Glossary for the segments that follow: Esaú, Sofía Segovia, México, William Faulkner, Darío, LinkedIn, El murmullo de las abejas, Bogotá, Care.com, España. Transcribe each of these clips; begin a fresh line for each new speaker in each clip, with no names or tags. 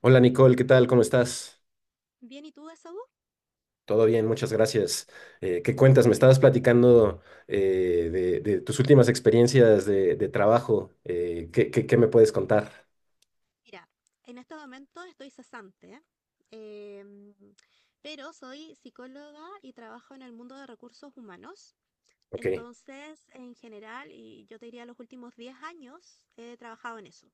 Hola Nicole, ¿qué tal? ¿Cómo estás?
Bien, ¿y tú de salud?
Todo bien, muchas gracias. ¿Qué cuentas? Me
Qué
estabas
bueno.
platicando de tus últimas experiencias de trabajo. ¿Qué me puedes contar?
Mira, en estos momentos estoy cesante, ¿eh? em, pero soy psicóloga y trabajo en el mundo de recursos humanos.
Ok,
Entonces, en general, y yo te diría los últimos 10 años, he trabajado en eso,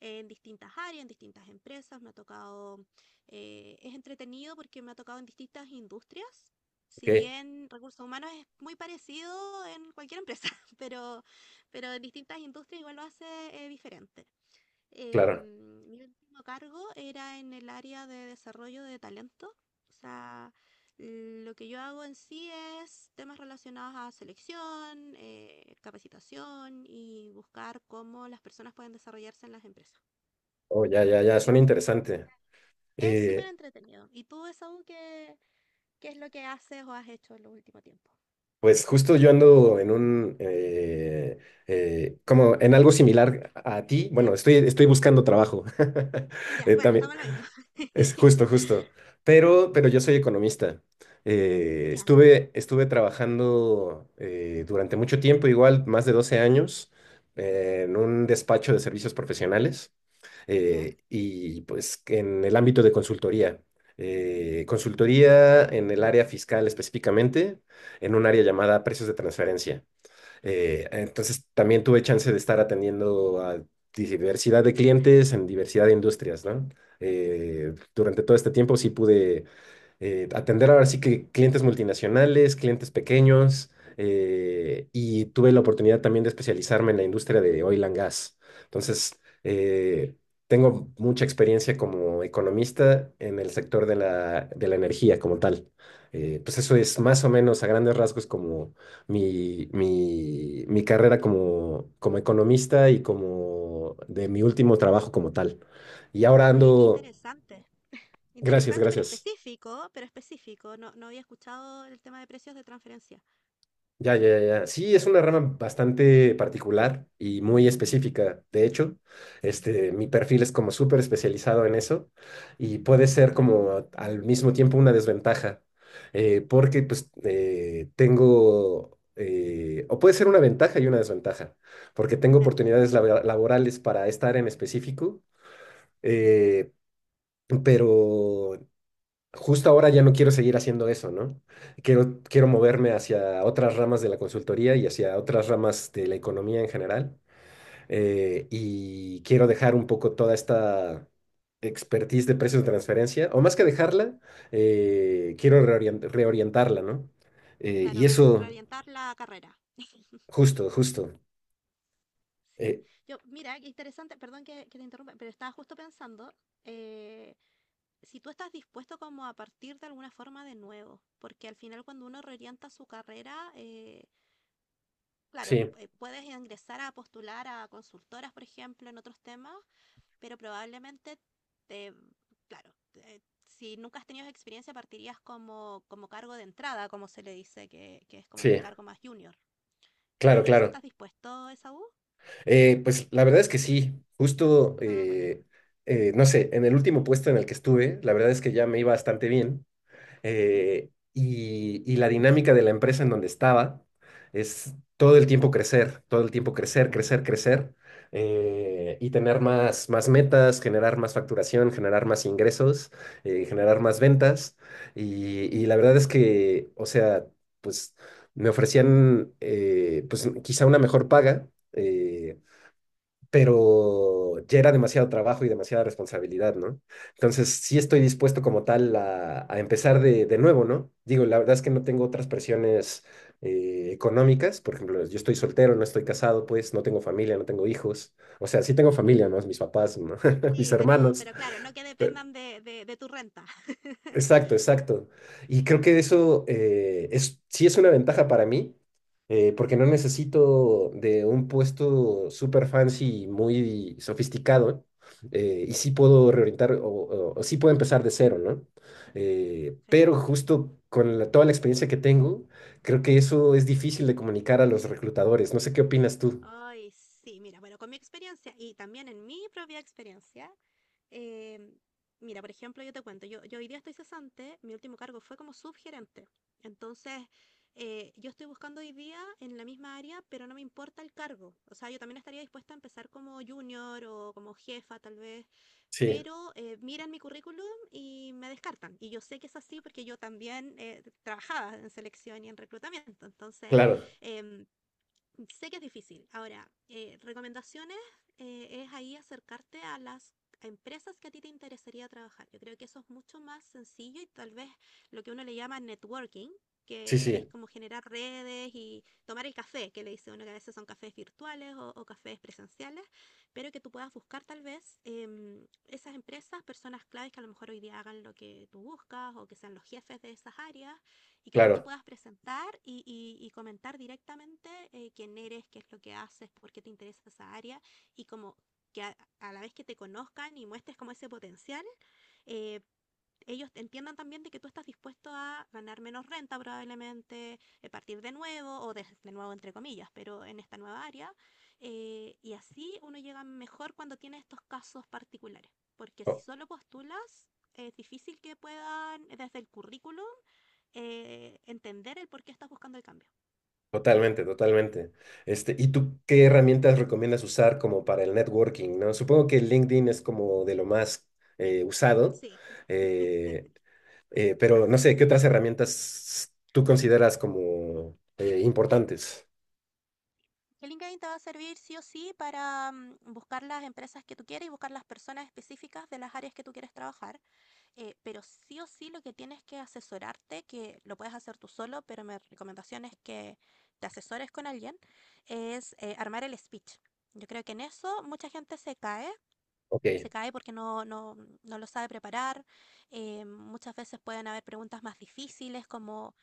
en distintas áreas, en distintas empresas. Me ha tocado, es entretenido porque me ha tocado en distintas industrias.
ok,
Si bien recursos humanos es muy parecido en cualquier empresa, pero, pero en distintas industrias igual lo hace diferente. Em,
claro.
mi último cargo era en el área de desarrollo de talento. O sea, lo que yo hago en sí es temas relacionados a selección, capacitación y buscar cómo las personas pueden desarrollarse en las empresas.
Oh, ya, ya, ya,
Es
suena interesante.
es súper
Eh,
entretenido. ¿Y tú, Esaú, qué es lo que haces o has hecho en los últimos tiempos?
pues justo yo ando en como en algo similar a ti.
Ya,
Bueno, estoy buscando trabajo.
ya, bueno,
También,
estamos en lo mismo.
es justo, justo. Pero yo soy economista.
Ya,
Estuve trabajando durante mucho tiempo, igual más de 12 años,
ujú,
en un despacho de servicios profesionales
ya.
y pues en el ámbito de consultoría. Consultoría en el área fiscal específicamente, en un área llamada precios de transferencia. Entonces también tuve chance de estar atendiendo a diversidad de clientes en diversidad de industrias, ¿no?
Mm.
Durante todo este tiempo sí pude atender ahora sí que clientes multinacionales, clientes pequeños, y tuve la oportunidad también de especializarme en la industria de oil and gas. Entonces, tengo mucha experiencia como economista en el sector de la energía como tal. Pues eso es más o menos a grandes rasgos como mi carrera como economista y como de mi último trabajo como tal. Y ahora
Oye, qué
ando,
interesante.
gracias,
Interesante, pero
gracias.
específico, pero específico. No, no había escuchado el tema de precios de transferencia.
Ya, ya, ya. Sí, es una rama bastante particular y muy específica. De hecho, este, mi perfil es como súper especializado en eso y puede ser como al mismo tiempo una desventaja, o puede ser una ventaja y una desventaja, porque tengo
Claro.
oportunidades laborales para estar en específico, eh, pero justo ahora ya no quiero seguir haciendo eso, ¿no? Quiero moverme hacia otras ramas de la consultoría y hacia otras ramas de la economía en general. Y quiero dejar un poco toda esta expertise de precios de transferencia, o más que dejarla,
Ujú.
quiero reorientarla, ¿no?
Claro,
Y eso,
reorientar la carrera.
justo, justo.
Sí.
eh,
Yo, mira, qué interesante, perdón que te interrumpa, pero estaba justo pensando, eh, si tú estás dispuesto como a partir de alguna forma de nuevo, porque al final cuando uno reorienta su carrera, claro,
sí,
puedes ingresar a postular a consultoras, por ejemplo, en otros temas, pero probablemente te, claro, si nunca has tenido esa experiencia, partirías como cargo de entrada, como se le dice, que es como el
sí,
cargo más junior.
claro,
¿Y eso
claro.
estás dispuesto, Esaú?
Pues la verdad es que sí, justo,
Ah, bueno.
no sé, en el último puesto en el que estuve, la verdad es que ya me iba bastante bien.
Ujú,
Y la dinámica de la empresa en donde estaba es todo el tiempo crecer, todo el tiempo crecer, crecer, crecer, y tener más metas, generar más facturación, generar más ingresos, generar
ujú,
más ventas. Y la verdad es que, o sea, pues me ofrecían pues quizá una mejor paga. Pero ya era demasiado trabajo y demasiada responsabilidad, ¿no? Entonces, sí estoy
ujú.
dispuesto como tal a empezar de nuevo, ¿no? Digo, la verdad es que no tengo otras presiones económicas, por ejemplo, yo estoy soltero, no estoy casado, pues no tengo familia, no tengo hijos, o sea, sí tengo familia, ¿no? Mis papás, ¿no? mis
Sí, pero,
hermanos,
pero claro, no que
pe-
dependan de tu renta.
exacto, exacto. Y creo que sí es una ventaja para mí, porque
Ujú.
no necesito de un puesto super fancy, muy sofisticado, y sí puedo reorientar o sí puedo empezar de cero, ¿no? Pero
Perfecto.
justo con toda la experiencia que tengo, creo que eso es difícil de comunicar a los reclutadores. No sé qué opinas tú.
Ay, sí, mira, bueno, con mi experiencia y también en mi propia experiencia, em, mira, por ejemplo, yo te cuento, yo hoy día estoy cesante, mi último cargo fue como subgerente. Entonces, yo estoy buscando hoy día en la misma área, pero no me importa el cargo. O sea, yo también estaría dispuesta a empezar como junior o como jefa, tal vez,
Sí,
pero miran mi currículum y me descartan. Y yo sé que es así porque yo también trabajaba en selección y en reclutamiento. Entonces,
claro.
em, Sé que es difícil. Ahora, recomendaciones es ahí acercarte a empresas que a ti te interesaría trabajar. Yo creo que eso es mucho más sencillo y tal vez lo que uno le llama networking,
Sí,
que es
sí,
como generar redes y tomar el café, que le dice uno que a veces son cafés virtuales o cafés presenciales, pero que tú puedas buscar tal vez esas empresas, personas claves que a lo mejor hoy día hagan lo que tú buscas o que sean los jefes de esas áreas y que tú te
claro.
puedas presentar y comentar directamente quién eres, qué es lo que haces, por qué te interesa esa área y como que a la vez que te conozcan y muestres como ese potencial, eh, ellos entiendan también de que tú estás dispuesto a ganar menos renta probablemente, partir de nuevo o de nuevo entre comillas, pero en esta nueva área. Y así uno llega mejor cuando tiene estos casos particulares, porque si solo postulas, es difícil que puedan desde el currículum entender el por qué estás buscando el cambio.
Totalmente, totalmente. Este, ¿y tú qué herramientas recomiendas usar como para el networking, ¿no? Supongo que LinkedIn es como de lo más
Sí.
usado,
Sí.
eh, pero no
Así
sé, ¿qué
es.
otras herramientas tú consideras como importantes?
Que LinkedIn te va a servir sí o sí para buscar las empresas que tú quieres y buscar las personas específicas de las áreas que tú quieres trabajar. Pero sí o sí lo que tienes que asesorarte, que lo puedes hacer tú solo, pero mi recomendación es que te asesores con alguien, es armar el speech. Yo creo que en eso mucha gente
Ok,
se cae porque no lo sabe preparar. Muchas veces pueden haber preguntas más difíciles como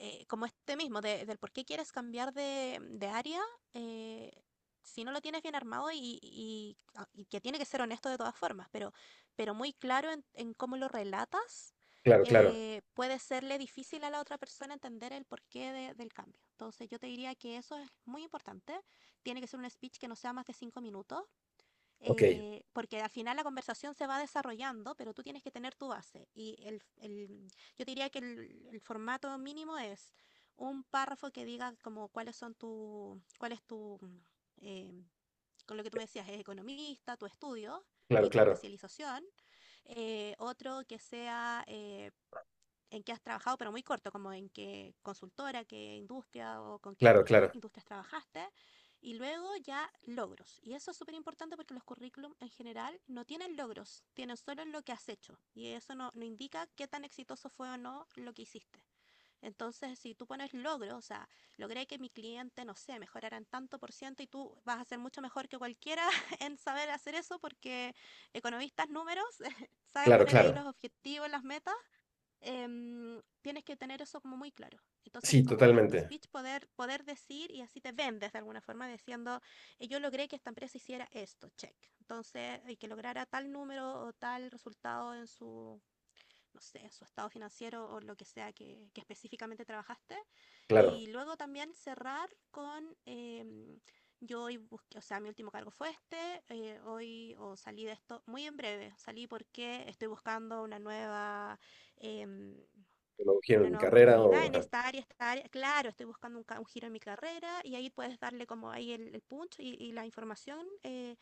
eh, como este mismo, del por qué quieres cambiar de área, eh, si no lo tienes bien armado y que tiene que ser honesto de todas formas, pero muy claro en cómo lo relatas,
claro, claro.
puede serle difícil a la otra persona entender el porqué del cambio. Entonces yo te diría que eso es muy importante. Tiene que ser un speech que no sea más de 5 minutos
Ok,
porque al final la conversación se va desarrollando, pero tú tienes que tener tu base. Y yo diría que el formato mínimo es un párrafo que diga como cuál es tu, eh, con lo que tú me decías, es economista, tu estudio
claro,
y tu
claro,
especialización. Otro que sea en qué has trabajado, pero muy corto, como en qué consultora, qué industria o con qué
claro, claro,
industrias trabajaste. Y luego ya logros. Y eso es súper importante porque los currículum en general no tienen logros, tienen solo lo que has hecho. Y eso no indica qué tan exitoso fue o no lo que hiciste. Entonces, si tú pones logros, o sea, logré que mi cliente, no sé, mejorara en tanto por ciento y tú vas a ser mucho mejor que cualquiera en saber hacer eso porque economistas números saben
claro,
poner ahí
claro.
los objetivos, las metas Tienes que tener eso como muy claro. Entonces,
Sí,
como en tu
totalmente.
speech poder decir y así te vendes de alguna forma diciendo, yo logré que esta empresa hiciera esto, check. Entonces, y que lograra tal número o tal resultado en su, no sé, su estado financiero o lo que sea que específicamente trabajaste.
Claro.
Y luego también cerrar con, yo hoy busqué, o sea, mi último cargo fue este, hoy o salí de esto muy en breve, salí porque estoy buscando em,
Lo quiero
una
en mi
nueva
carrera
oportunidad
o...
en
ajá.
esta área, claro, estoy buscando un giro en mi carrera y ahí puedes darle como ahí el punch y la información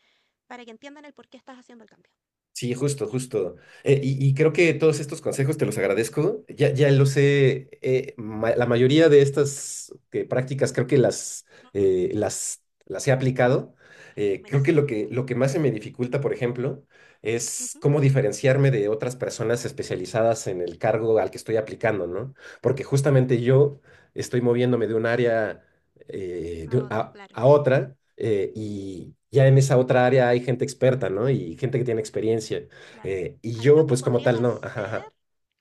para que entiendan el por qué estás haciendo el cambio.
Sí, justo,
Eso.
justo. Y creo que todos estos consejos te los agradezco. Ya, ya los sé, la mayoría de estas prácticas creo que
Ujú.
las he aplicado. Creo que
Buenísimo.
lo lo que más se me dificulta, por ejemplo, es
Ujú.
cómo diferenciarme de otras personas especializadas en el cargo al que estoy aplicando, ¿no? Porque justamente yo estoy moviéndome de un área
A otra, claro.
a otra y ya en esa otra área hay gente experta, ¿no? Y gente que tiene experiencia.
Claro,
Y
ahí
yo,
lo que
pues como
podrías
tal, no. Ajá,
hacer,
ajá.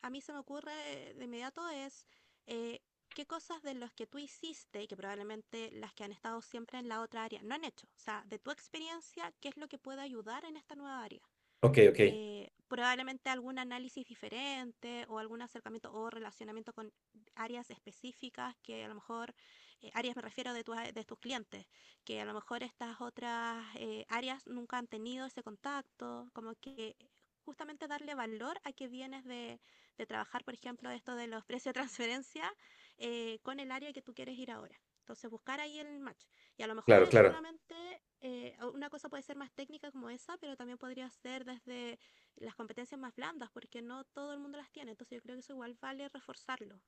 a mí se me ocurre de inmediato, es eh, qué cosas de los que tú hiciste y que probablemente las que han estado siempre en la otra área no han hecho. O sea, de tu experiencia, ¿qué es lo que puede ayudar en esta nueva área?
Ok, ok.
Probablemente algún análisis diferente o algún acercamiento o relacionamiento con áreas específicas que a lo mejor, áreas me refiero de tus clientes, que a lo mejor estas otras áreas nunca han tenido ese contacto, como que justamente darle valor a que vienes de trabajar, por ejemplo, esto de los precios de transferencia con el área que tú quieres ir ahora. Entonces, buscar ahí el match. Y a lo mejor
Claro,
es
claro.
solamente, una cosa puede ser más técnica como esa, pero también podría ser desde las competencias más blandas, porque no todo el mundo las tiene. Entonces yo creo que eso igual vale reforzarlo.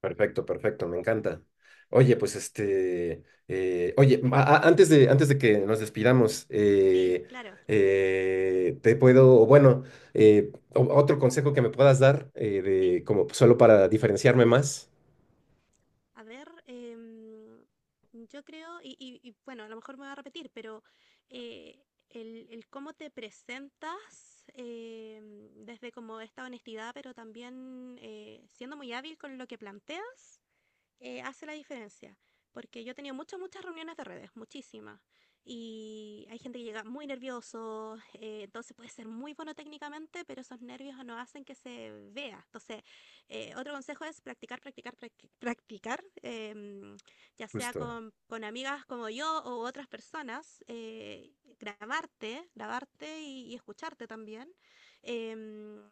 Perfecto, perfecto. Me encanta. Oye, pues este, oye, antes de que nos despidamos,
Sí, claro,
te puedo, o bueno, otro consejo que me puedas dar,
sí.
de, como solo para diferenciarme más.
A ver, yo creo, bueno, a lo mejor me voy a repetir, pero el cómo te presentas desde como esta honestidad, pero también siendo muy hábil con lo que planteas hace la diferencia. Porque yo he tenido muchas, muchas reuniones de redes, muchísimas. Y hay gente que llega muy nervioso, entonces puede ser muy bueno técnicamente, pero esos nervios no hacen que se vea. Entonces, otro consejo es practicar, practicar, practicar, ya sea
Justo,
con amigas como yo o otras personas, grabarte, grabarte y escucharte también. Em,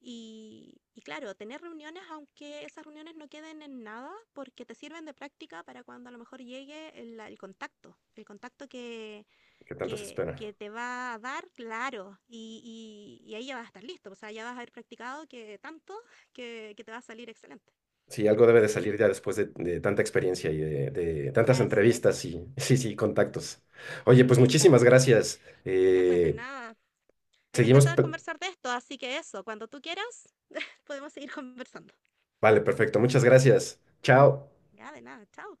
y claro, tener reuniones, aunque esas reuniones no queden en nada, porque te sirven de práctica para cuando a lo mejor llegue el contacto que,
que tanto se
que,
espera.
que te va a dar, claro, y ahí ya vas a estar listo, o sea, ya vas a haber practicado que tanto que te va a salir excelente.
Sí, algo debe de salir ya después de tanta experiencia y de tantas
Así es,
entrevistas y sí, sí, contactos. Oye, pues muchísimas
exacto.
gracias.
Ya, pues de nada. A mí me
Seguimos.
encanta conversar de esto, así que eso, cuando tú quieras, podemos seguir conversando.
Vale, perfecto. Muchas gracias. Chao.
Ya, de nada, chao.